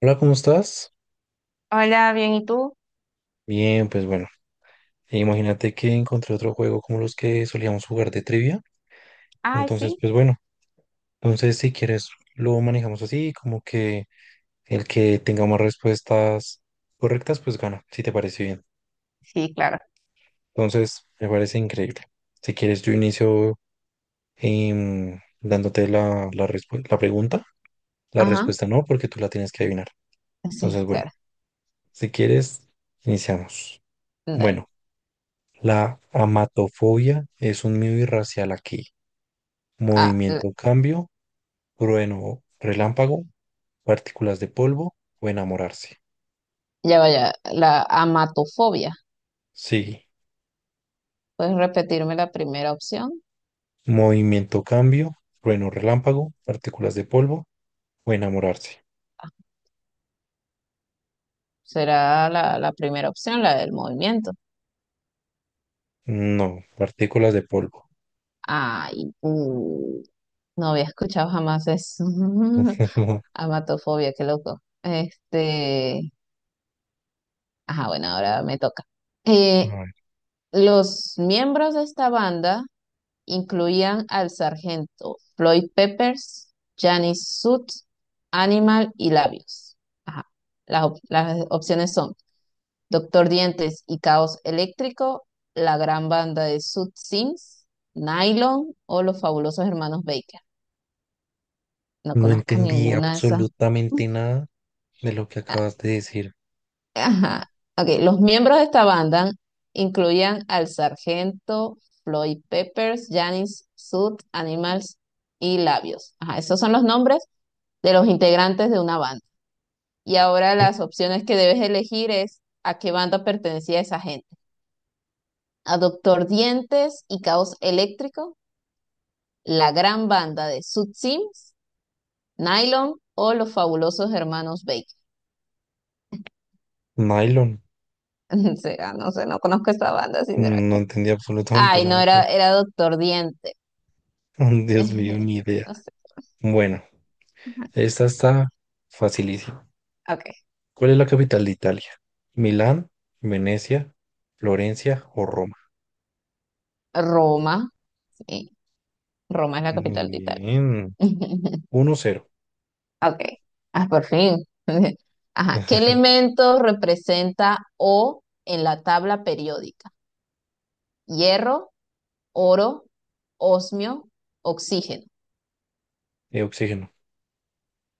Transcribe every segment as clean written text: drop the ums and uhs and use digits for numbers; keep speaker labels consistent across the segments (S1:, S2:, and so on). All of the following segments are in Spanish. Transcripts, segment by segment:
S1: Hola, ¿cómo estás?
S2: Hola, bien, ¿y tú?
S1: Bien, pues bueno, e imagínate que encontré otro juego como los que solíamos jugar de trivia.
S2: Ay,
S1: Entonces,
S2: sí,
S1: pues bueno, entonces si quieres lo manejamos así, como que el que tenga más respuestas correctas, pues gana, si te parece bien.
S2: sí, claro.
S1: Entonces, me parece increíble. Si quieres, yo inicio dándote la pregunta. La
S2: Ajá,
S1: respuesta no, porque tú la tienes que adivinar.
S2: sí,
S1: Entonces, bueno,
S2: claro.
S1: si quieres, iniciamos.
S2: Dale.
S1: Bueno. La amatofobia es un miedo irracional aquí.
S2: Ah, la-
S1: Movimiento, cambio, trueno, relámpago, partículas de polvo o enamorarse.
S2: ya vaya, la amatofobia.
S1: Sí.
S2: ¿Puedes repetirme la primera opción?
S1: Movimiento, cambio, trueno, relámpago, partículas de polvo o enamorarse.
S2: Ah, será la primera opción, la del movimiento.
S1: No, partículas de polvo.
S2: Ay, no había escuchado jamás eso. Amatofobia, qué loco. Este, ajá, bueno, ahora me toca.
S1: A
S2: Eh,
S1: ver,
S2: los miembros de esta banda incluían al sargento Floyd Peppers, Janis Soot, Animal y Labios. Ajá. Las opciones son Doctor Dientes y Caos Eléctrico, la gran banda de Soot Sims, Nylon o los fabulosos hermanos Baker. No
S1: no
S2: conozco
S1: entendí
S2: ninguna de esas.
S1: absolutamente nada de lo que
S2: Ah,
S1: acabas de decir.
S2: ajá. Ok, los miembros de esta banda incluían al sargento Floyd Peppers, Janis Soot, Animals y Labios. Ajá, esos son los nombres de los integrantes de una banda. Y ahora las opciones que debes elegir es a qué banda pertenecía esa gente. A Doctor Dientes y Caos Eléctrico, la gran banda de Sud Sims, Nylon o los fabulosos hermanos Baker.
S1: Nylon.
S2: Será, no sé, no conozco esta banda,
S1: No
S2: sinceramente.
S1: entendí absolutamente
S2: Ay, no,
S1: nada. Pero-
S2: era Doctor Diente.
S1: Dios mío, ni idea.
S2: No sé,
S1: Bueno, esta está facilísima.
S2: ok.
S1: ¿Cuál es la capital de Italia? ¿Milán, Venecia, Florencia o Roma?
S2: Roma, sí. Roma es la
S1: Muy
S2: capital de Italia.
S1: bien. 1-0.
S2: Ok. Ah, por fin. Ajá. ¿Qué elemento representa O en la tabla periódica? Hierro, oro, osmio, oxígeno.
S1: De oxígeno.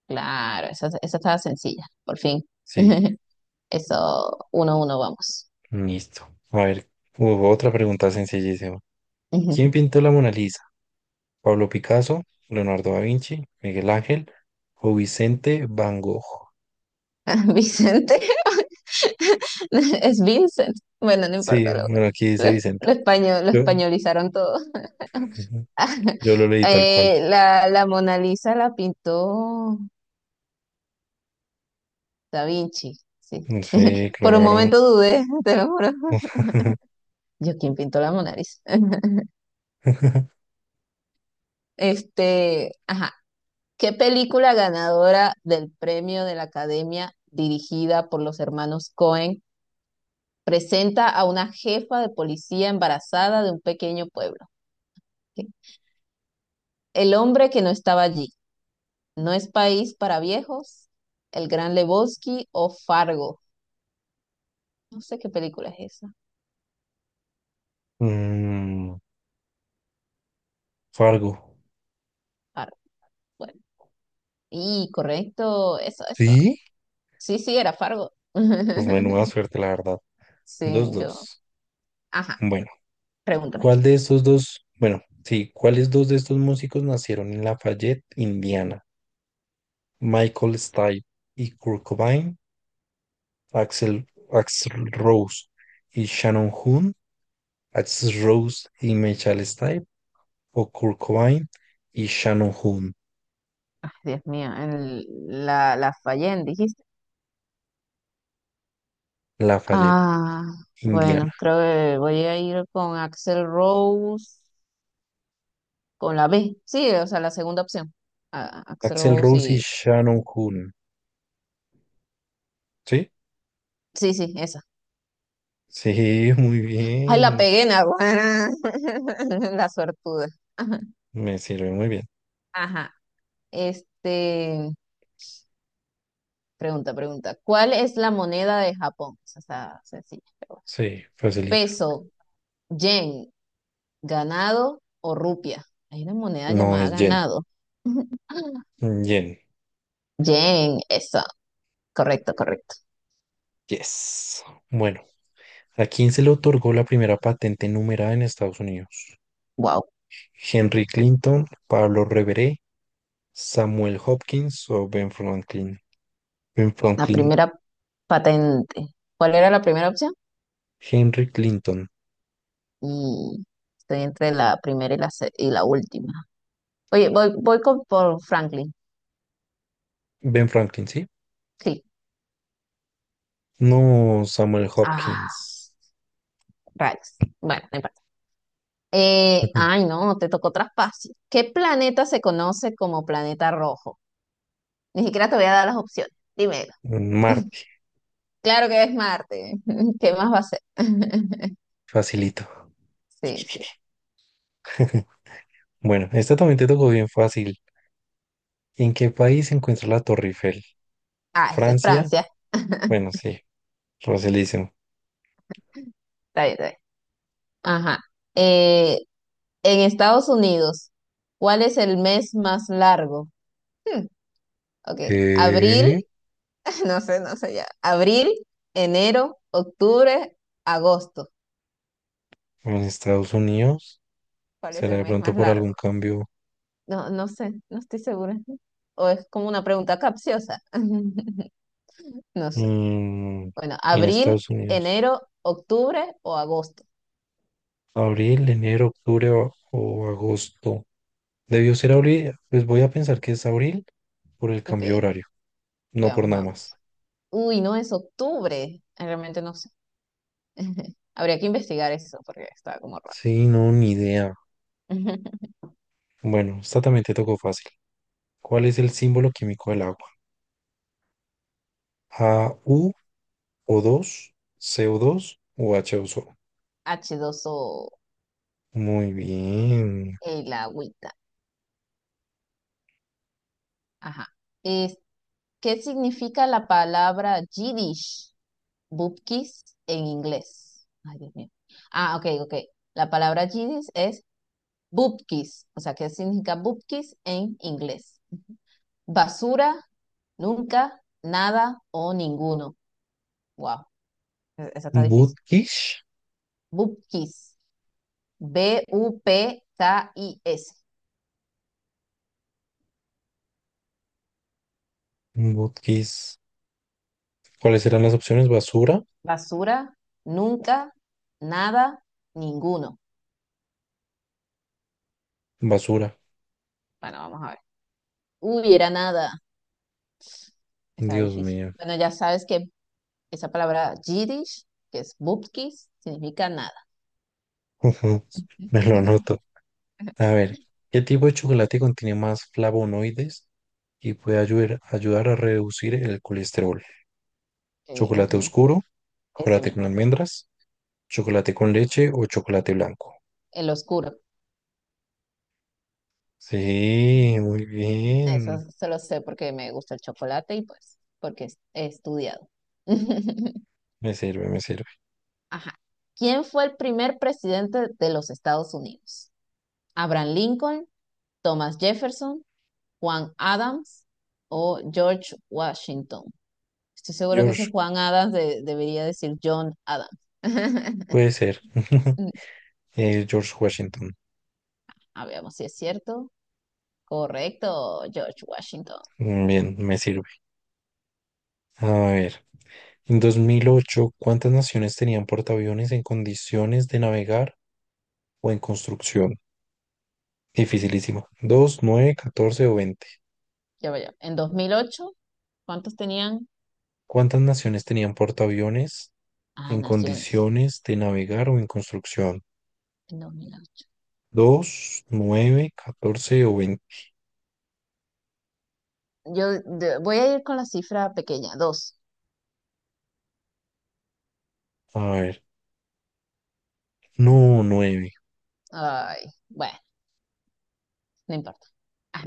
S2: Claro, esa estaba sencilla, por fin.
S1: Sí,
S2: Eso, 1-1, vamos.
S1: listo. A ver, hubo otra pregunta sencillísima. ¿Quién pintó la Mona Lisa? ¿Pablo Picasso, Leonardo da Vinci, Miguel Ángel o Vicente Van Gogh?
S2: Vicente, es Vincent. Bueno, no
S1: Sí,
S2: importa,
S1: bueno, aquí dice
S2: lo,
S1: Vicente.
S2: lo español, lo
S1: Yo,
S2: españolizaron todo.
S1: ujú, yo lo leí tal cual.
S2: La Mona Lisa la pintó Da Vinci. Sí,
S1: Sí,
S2: por un
S1: claro.
S2: momento dudé, te lo juro. Yo, ¿quién pintó la Mona Lisa? Este, ajá. ¿Qué película ganadora del premio de la Academia dirigida por los hermanos Cohen presenta a una jefa de policía embarazada de un pequeño pueblo? ¿Ok? El hombre que no estaba allí. No es país para viejos. El Gran Lebowski o Fargo. No sé qué película es esa.
S1: Mm, Fargo.
S2: Fargo. Bueno. Y correcto, eso, eso.
S1: Sí,
S2: Sí, sí, era Fargo.
S1: pues menuda suerte, la verdad. Dos,
S2: Sí, yo.
S1: dos.
S2: Ajá,
S1: Bueno,
S2: pregúntame.
S1: ¿cuál de estos dos? Bueno, sí, ¿cuáles dos de estos músicos nacieron en Lafayette, Indiana? Michael Stipe y Kurt Cobain, Axel, Axl Rose y Shannon Hoon, Axl Rose y Michael Stipe, o Kurt Cobain y Shannon Hoon.
S2: Ay, Dios mío, la fallé en, dijiste.
S1: Lafayette,
S2: Ah, bueno,
S1: Indiana.
S2: creo que voy a ir con Axel Rose, con la B. Sí, o sea, la segunda opción. Ah, Axel
S1: Axel
S2: Rose
S1: Rose y
S2: y...
S1: Shannon Hoon, ¿sí?
S2: Sí, sí, esa.
S1: Sí, muy
S2: Ay, la
S1: bien.
S2: pegué, naguará. La suertuda. Ajá.
S1: Me sirve muy bien.
S2: Ajá. Este, pregunta, pregunta. ¿Cuál es la moneda de Japón? Esa está sencilla, pero bueno.
S1: Sí, facilita.
S2: Peso, yen, ganado o rupia. Hay una moneda
S1: No,
S2: llamada
S1: es Yen.
S2: ganado.
S1: Yen.
S2: Yen, eso. Correcto, correcto.
S1: Yes. Bueno, ¿a quién se le otorgó la primera patente numerada en Estados Unidos?
S2: Wow.
S1: Henry Clinton, Pablo Reveré, Samuel Hopkins o Ben Franklin. Ben
S2: La
S1: Franklin.
S2: primera patente. ¿Cuál era la primera opción?
S1: Henry Clinton.
S2: Y estoy entre la primera y la última. Oye, voy por Franklin.
S1: Ben Franklin, ¿sí?
S2: Sí.
S1: No, Samuel
S2: Ah,
S1: Hopkins.
S2: rayos. Bueno, no importa. Eh, ay, no, te tocó traspaso. ¿Qué planeta se conoce como planeta rojo? Ni siquiera te voy a dar las opciones. Dímelo.
S1: Ujú. Marte.
S2: Claro que es Marte. ¿Qué más va a ser?
S1: Facilito.
S2: Sí, sí.
S1: Bueno, esta también te tocó bien fácil. ¿En qué país se encuentra la Torre Eiffel?
S2: Ah, eso es
S1: Francia.
S2: Francia.
S1: Bueno, sí, facilísimo.
S2: Está bien, está bien. Ajá. Eh, en Estados Unidos, ¿cuál es el mes más largo? Hmm, ok. Abril,
S1: ¿Qué?
S2: no sé, no sé ya. Abril, enero, octubre, agosto.
S1: En Estados Unidos.
S2: ¿Cuál es
S1: ¿Será
S2: el
S1: de
S2: mes
S1: pronto
S2: más
S1: por
S2: largo?
S1: algún cambio
S2: No, no sé, no estoy segura. O es como una pregunta capciosa. No sé.
S1: mm,
S2: Bueno,
S1: en
S2: abril,
S1: Estados Unidos?
S2: enero, octubre o agosto.
S1: Abril, enero, octubre o agosto. Debió ser abril, pues voy a pensar que es abril por el cambio de
S2: Ok,
S1: horario, no por
S2: veamos,
S1: nada más.
S2: veamos. Uy, no es octubre. Realmente no sé. Habría que investigar eso porque está como raro.
S1: Sí, no, ni idea. Bueno, esta también te tocó fácil. ¿Cuál es el símbolo químico del agua? A U o dos C O dos o h 2 o.
S2: H2O,
S1: Muy bien.
S2: el agüita. Ajá. Es- ¿Qué significa la palabra Yiddish? Bubkis en inglés. Ay, Dios mío. Ah, ok, ok. La palabra Yiddish es bubkis. O sea, ¿qué significa bubkis en inglés? Basura, nunca, nada o ninguno. Wow, esa está difícil.
S1: Butkish.
S2: Bubkis. B-U-P-K-I-S.
S1: Butkish. ¿Cuáles serán las opciones? Basura,
S2: Basura, nunca, nada, ninguno.
S1: basura.
S2: Bueno, vamos a ver. Hubiera nada. Está
S1: Dios
S2: difícil.
S1: mío.
S2: Bueno, ya sabes que esa palabra Yiddish, que es bubkis, significa nada.
S1: Ujú, me lo noto. A ver, ¿qué tipo de chocolate contiene más flavonoides y puede ayudar a reducir el colesterol?
S2: Eh,
S1: ¿Chocolate
S2: ujú,
S1: oscuro?
S2: ese
S1: ¿Chocolate
S2: mismo.
S1: con almendras? ¿Chocolate con leche o chocolate blanco?
S2: El oscuro.
S1: Sí, muy
S2: Eso
S1: bien.
S2: se lo sé porque me gusta el chocolate y pues porque he estudiado.
S1: Me sirve, me sirve.
S2: Ajá. ¿Quién fue el primer presidente de los Estados Unidos? ¿Abraham Lincoln, Thomas Jefferson, Juan Adams o George Washington? Estoy seguro que ese
S1: George,
S2: Juan Adams debería decir John Adams.
S1: puede ser. George Washington.
S2: A ver, vamos si es cierto. Correcto, George Washington.
S1: Mm, bien, me sirve. A ver, en 2008, ¿cuántas naciones tenían portaaviones en condiciones de navegar o en construcción? Dificilísimo. 2, 9, 14 o 20.
S2: Ya vaya. En 2008, ¿cuántos tenían?
S1: ¿Cuántas naciones tenían portaaviones
S2: Ah,
S1: en
S2: naciones.
S1: condiciones de navegar o en construcción?
S2: En 2008.
S1: 2, 9, 14 o 20.
S2: Yo voy a ir con la cifra pequeña, dos.
S1: A ver, no, nueve.
S2: Ay, bueno, no importa. Ah,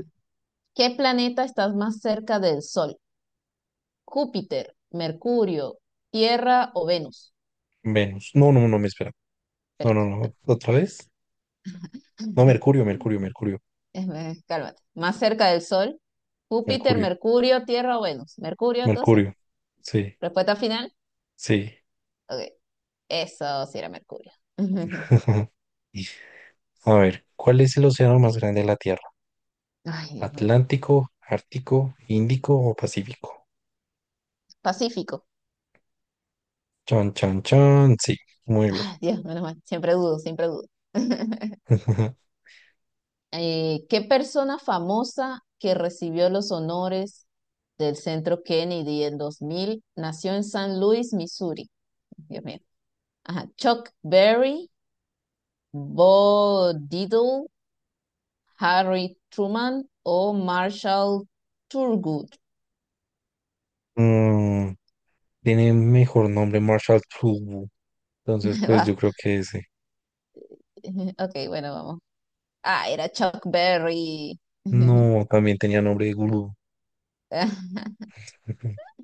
S2: ¿qué planeta está más cerca del Sol? ¿Júpiter, Mercurio, Tierra o Venus?
S1: Venus. No, no, no, me espera. No, no,
S2: Espérate.
S1: no. ¿Otra vez? No, Mercurio, Mercurio, Mercurio,
S2: Cálmate. Más cerca del Sol. Júpiter,
S1: Mercurio,
S2: Mercurio, Tierra o Venus. Mercurio, entonces.
S1: Mercurio. Sí,
S2: Respuesta final.
S1: sí.
S2: Ok. Eso sí era Mercurio.
S1: Y, a ver, ¿cuál es el océano más grande de la Tierra?
S2: Ay, Dios mío.
S1: ¿Atlántico, Ártico, Índico o Pacífico?
S2: Pacífico.
S1: Chan, chan, chan. Sí, muy bien.
S2: Ay, Dios, menos mal. Siempre dudo, siempre dudo. ¿Qué persona famosa que recibió los honores del Centro Kennedy en 2000 nació en San Luis, Missouri? Dios mío. Ajá. Chuck Berry, Bo Diddley, Harry Truman o Marshall Thurgood.
S1: Mm, tiene mejor nombre Marshall Tubu. Entonces, pues yo
S2: Va.
S1: creo que ese.
S2: Ok, bueno, vamos. Ah, era Chuck Berry.
S1: No, también tenía nombre de gurú.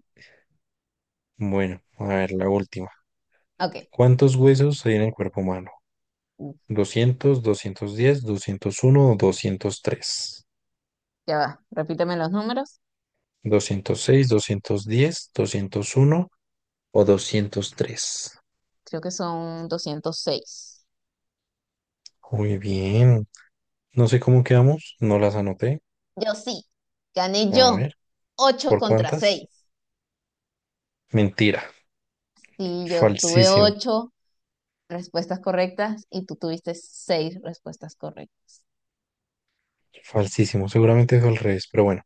S1: Bueno, a ver, la última.
S2: Ok,
S1: ¿Cuántos huesos hay en el cuerpo humano? 200, 210, 201 o doscientos tres.
S2: ya va. Repíteme los números.
S1: ¿206, 210, 201 o 203?
S2: Creo que son 206.
S1: Muy bien. No sé cómo quedamos, no las anoté.
S2: Yo sí, gané
S1: A
S2: yo.
S1: ver,
S2: ocho
S1: ¿por
S2: contra
S1: cuántas?
S2: seis,
S1: Mentira.
S2: sí, yo tuve
S1: Falsísimo,
S2: ocho respuestas correctas y tú tuviste 6 respuestas correctas.
S1: falsísimo. Seguramente es al revés, pero bueno,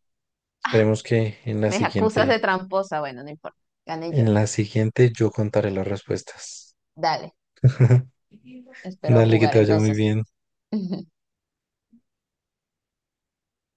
S2: Ah,
S1: esperemos que
S2: me acusas de tramposa. Bueno, no importa. Gané yo.
S1: en la siguiente yo contaré las respuestas.
S2: Dale, espero
S1: Dale, que
S2: jugar
S1: te vaya muy
S2: entonces.
S1: bien.